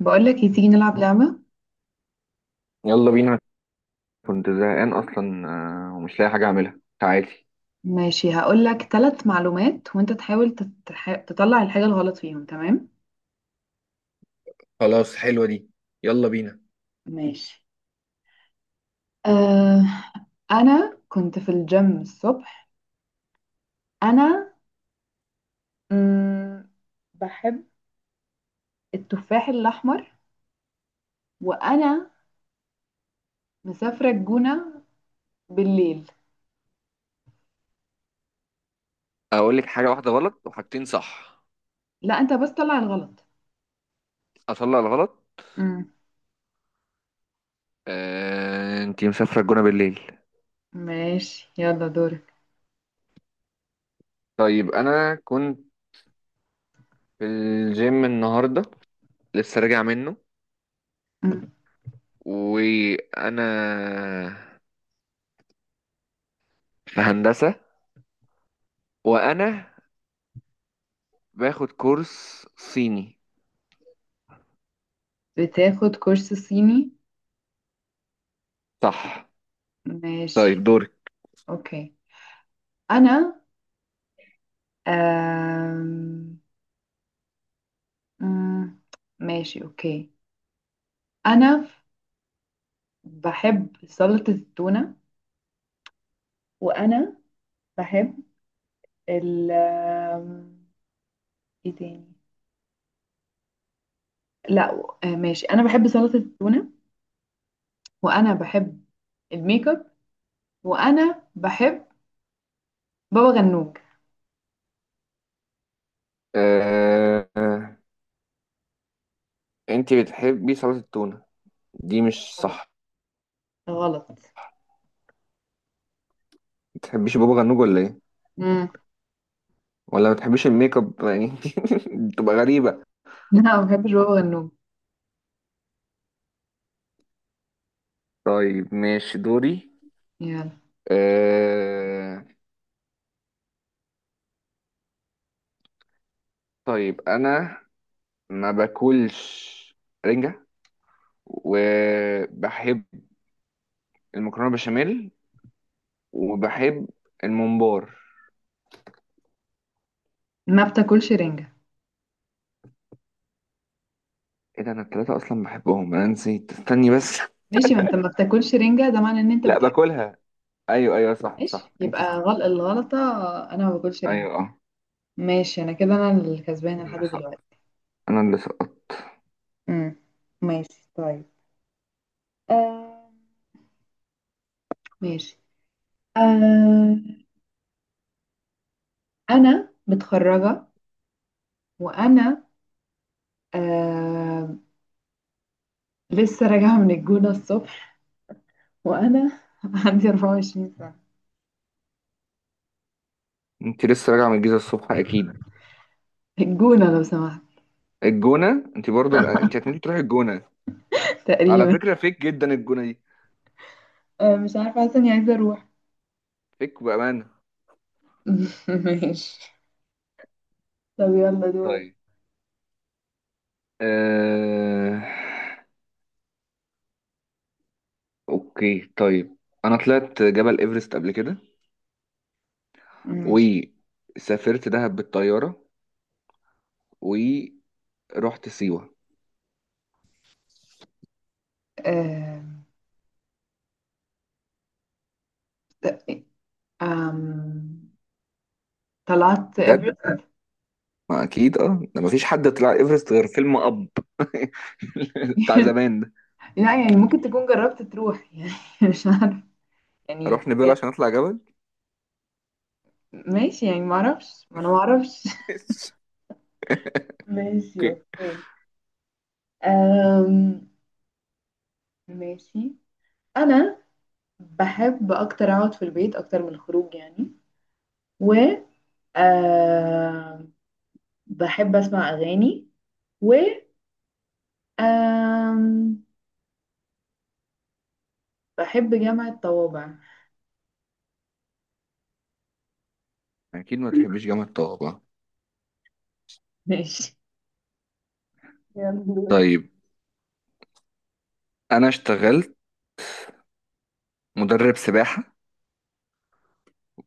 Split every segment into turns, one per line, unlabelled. بقولك إيه، تيجي نلعب لعبة.
يلا بينا. كنت زهقان اصلا ومش لاقي حاجه اعملها. تعالي.
ماشي، هقولك ثلاث معلومات وانت تحاول تطلع الحاجة الغلط فيهم. تمام.
خلاص، حلوة دي. يلا بينا.
ماشي. آه... انا كنت في الجيم الصبح. انا مم... بحب التفاح الاحمر. وانا مسافرة الجونة بالليل.
اقول لك حاجه واحده غلط وحاجتين صح؟
لا، انت بس طلع الغلط.
اطلع الغلط.
مم.
آه، انتي مسافره الجونه بالليل.
ماشي، يلا دورك.
طيب، انا كنت في الجيم النهارده، لسه راجع منه.
مم.
وانا في هندسه، وانا باخد كورس صيني.
بتاخد كورس صيني؟
صح.
ماشي.
طيب، دورك.
اوكي. انا آه... مم. ماشي اوكي. انا ف- بحب سلطة التونة. وانا بحب ال آم، ايه تاني؟ لا. ماشي، انا بحب سلطة التونة. وانا بحب الميك اب. وانا بحب بابا غنوج.
آه، آه، انتي بتحبي سلطه التونه، دي مش
غلط.
صح.
غلط.
بتحبيش بابا غنوج ولا ايه؟
مم.
ولا ما بتحبيش الميك اب يعني. بتبقى غريبة.
لا ما بحبش بابا غنوج.
طيب، ماشي، دوري.
يلا،
أه... طيب انا ما باكلش رنجة، وبحب المكرونة بشاميل، وبحب الممبار.
ما بتاكلش رنجة.
ايه ده، انا التلاتة اصلا بحبهم، انا نسيت، استني بس.
ماشي، ما انت ما بتاكلش رنجة ده معنى ان انت
لا،
بتحب.
باكلها. ايوه، ايوه، صح، صح،
ماشي،
انتي
يبقى
صح.
غلط الغلطة. انا ما باكلش رنجة.
ايوه، اه.
ماشي، انا كده انا الكسبانة لحد
اللي سقط.
دلوقتي.
انا اللي سقطت.
امم ماشي طيب. آه ماشي. آه انا متخرجة. وانا آه لسه راجعة من الجونة الصبح. وانا عندي 24 سنة.
انتي لسه راجعة من الجيزة الصبح اكيد؟
الجونة لو سمحت.
الجونة؟ انتي برضو انتي هتموتي تروحي الجونة. على
تقريبا.
فكرة فيك جدا الجونة دي.
آه، مش عارفة، حاسة اني عايزة اروح.
فيك بأمانة.
ماشي، طب يلا دورك.
طيب. آه... أوكي طيب، أنا طلعت جبل إيفرست قبل كده،
ماشي.
وسافرت دهب بالطيارة، ورحت سيوة.
آه آم، طلعت
بجد؟
ايفرست.
ما أكيد ده مفيش حد طلع إيفرست غير فيلم أب، بتاع زمان ده.
لا يعني ممكن تكون جربت تروح، يعني مش عارفة. يعني
أروح نبيل عشان أطلع جبل؟
ماشي، يعني ما اعرفش، ما انا ما اعرفش. ماشي
أوكي.
اوكي. أم... ماشي. انا بحب اكتر اقعد في البيت اكتر من الخروج يعني. و أم... بحب اسمع اغاني. و أم... بحب جامعة طوابع.
أكيد ما تحبش جامعة طه.
ماشي. يلا.
طيب، أنا اشتغلت مدرب سباحة،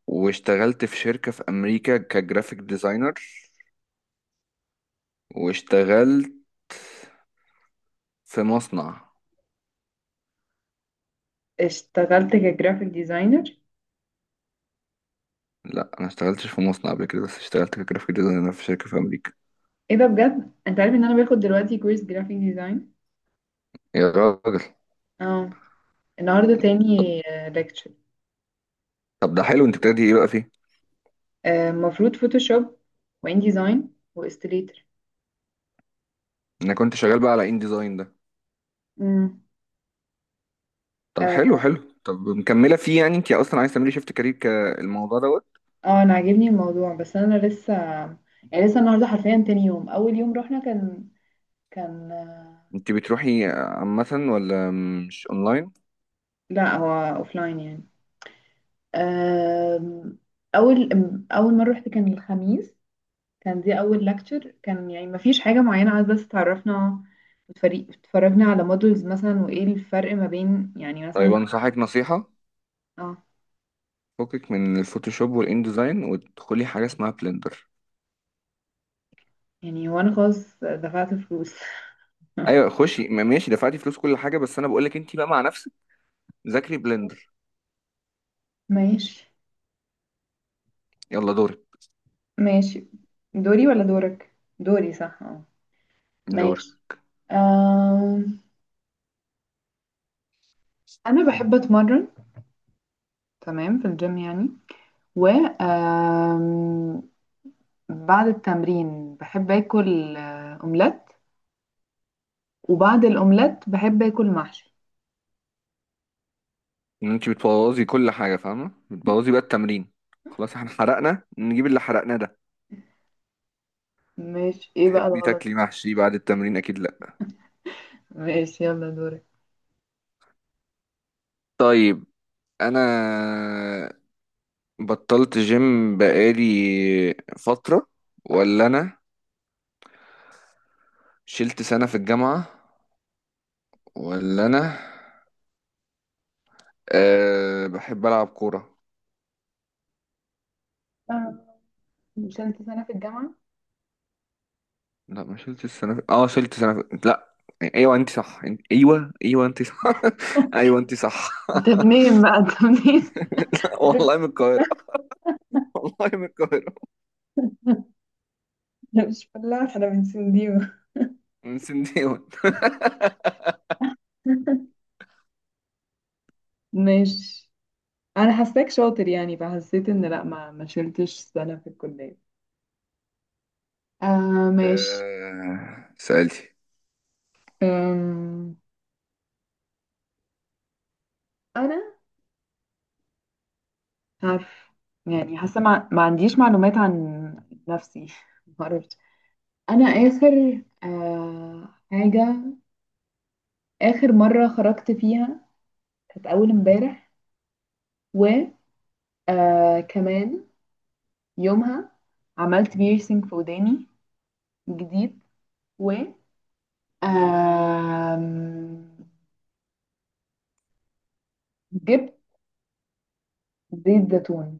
واشتغلت في شركة في أمريكا كجرافيك ديزاينر، واشتغلت في مصنع.
اشتغلت كجرافيك ديزاينر؟
لا، انا اشتغلتش في مصنع قبل كده، بس اشتغلت كجرافيك ديزاينر في شركة في امريكا.
ايه ده بجد، انت عارف ان انا باخد دلوقتي كورس جرافيك ديزاين.
يا راجل.
اه، النهارده تاني
طب
ليكتشر.
طب ده حلو، انت بتبتدي ايه بقى فيه؟
المفروض فوتوشوب وان ديزاين واستليتر.
انا كنت شغال بقى على ان ديزاين ده.
امم
طب حلو
اه
حلو، طب مكملة فيه يعني، انت اصلا عايز تعملي شيفت كارير كالموضوع دوت؟
آه، انا عاجبني الموضوع، بس انا لسه، يعني لسه النهارده حرفيا تاني يوم، اول يوم رحنا كان.
انت بتروحي عامة، ولا مش اونلاين؟
لا هو لاين يعني. آم، اول اول مره رحت كان الخميس، كان دي اول lecture. كان يعني ما فيش حاجه معينه، عايز بس تعرفنا. اتفرجنا على مودلز مثلا، وايه الفرق ما بين يعني
طيب،
مثلا.
انصحك نصيحة.
اه
فكك من الفوتوشوب والان ديزاين، وادخلي حاجة اسمها بلندر.
يعني، وانا خلاص دفعت فلوس.
ايوه خشي، ماشي دفعتي فلوس كل حاجة، بس انا بقولك انت بقى مع نفسك، ذاكري بلندر.
ماشي.
يلا دورك.
ماشي دوري ولا دورك؟ دوري صح، اه،
دورك.
ماشي. آم، انا بحب اتمرن، تمام، في الجيم يعني. و بعد التمرين بحب اكل اومليت. وبعد الاومليت بحب اكل محشي.
ان انت بتبوظي كل حاجه، فاهمه؟ بتبوظي بقى التمرين. خلاص، احنا حرقنا، نجيب اللي حرقناه ده.
ماشي، ايه بقى
تحبي
الغلط؟
تاكلي محشي بعد التمرين؟ اكيد لا.
ماشي يلا دورك.
طيب، انا بطلت جيم بقالي فتره، ولا انا شلت سنه في الجامعه، ولا انا بحب العب كوره.
آه، مش انت سنة في الجامعة.
لا، ما شلت السنه في... شلت سنه في... لا. ايوه انت صح، انت... ايوه، ايوه، انت صح. ايوه انت صح.
انت منين بقى، انت منين؟ عارف،
والله من القاهره. والله من القاهره.
انا مش فلاح، انا من سنديو.
سن ديون.
ماشي، انا حاساك شاطر يعني، فحسيت ان لا، ما شلتش سنه في الكليه. آه ماشي.
سألتي؟
أم... انا عارف، يعني حاسه ما عنديش معلومات عن نفسي. ما اعرفش. انا اخر حاجه، اخر مره خرجت فيها كانت اول امبارح. و كمان يومها عملت بيرسينج في وداني جديد. و آم، جبت زيت زيتون.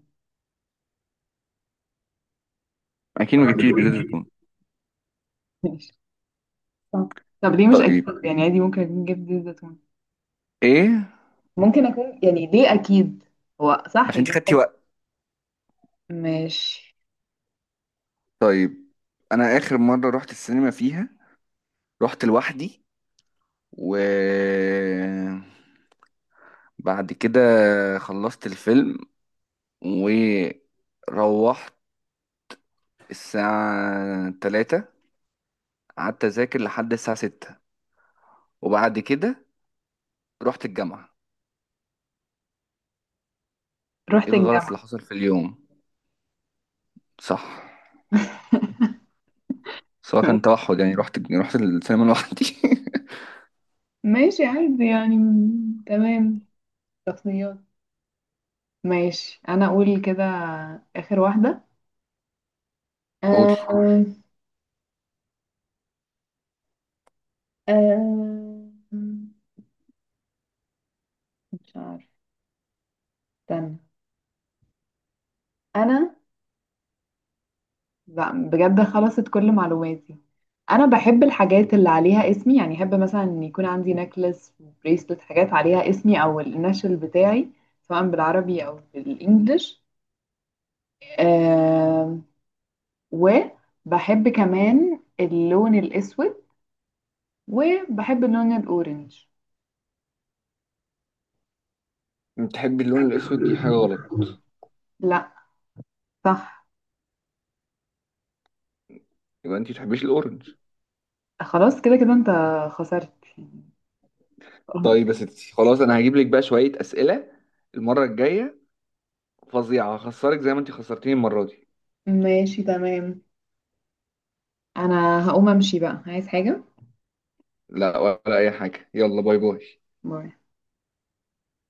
أكيد ما جبتيش بزيت الزيتون.
صح. طب ليه مش اكيد،
طيب.
يعني عادي ممكن اكون جبت زيت زيتون.
إيه؟
ممكن اكون، يعني ليه اكيد، هو صح
عشان أنت خدتي
جبت.
وقت.
ماشي.
طيب، أنا آخر مرة رحت السينما فيها، رحت لوحدي، و بعد كده خلصت الفيلم، وروحت الساعة 3، قعدت أذاكر لحد الساعة 6، وبعد كده رحت الجامعة. إيه
رحت
الغلط
الجامعة.
اللي حصل في اليوم؟ صح. سواء كان توحد يعني، رحت السينما لوحدي.
ماشي، عادي يعني تمام. شخصيات. ماشي، انا اقول كده اخر واحدة. آه
قولي.
آه آه، مش عارف، استنى. انا لا بجد خلصت كل معلوماتي. انا بحب الحاجات اللي عليها اسمي، يعني احب مثلا ان يكون عندي نكلس بريسلت، حاجات عليها اسمي او النشل بتاعي، سواء بالعربي او بالانجلش. آه، وبحب كمان اللون الاسود. وبحب اللون الاورنج.
بتحبي اللون الاسود، دي حاجه غلط.
لا، صح.
يبقى انت تحبيش الاورنج.
خلاص كده كده انت خسرت. خلاص.
طيب يا ستي، خلاص، انا هجيب لك بقى شويه اسئله المره الجايه فظيعه، هخسرك زي ما انت خسرتيني المره دي.
ماشي تمام. انا هقوم امشي بقى، عايز حاجة؟
لا، ولا اي حاجه، يلا، باي باي.
باي.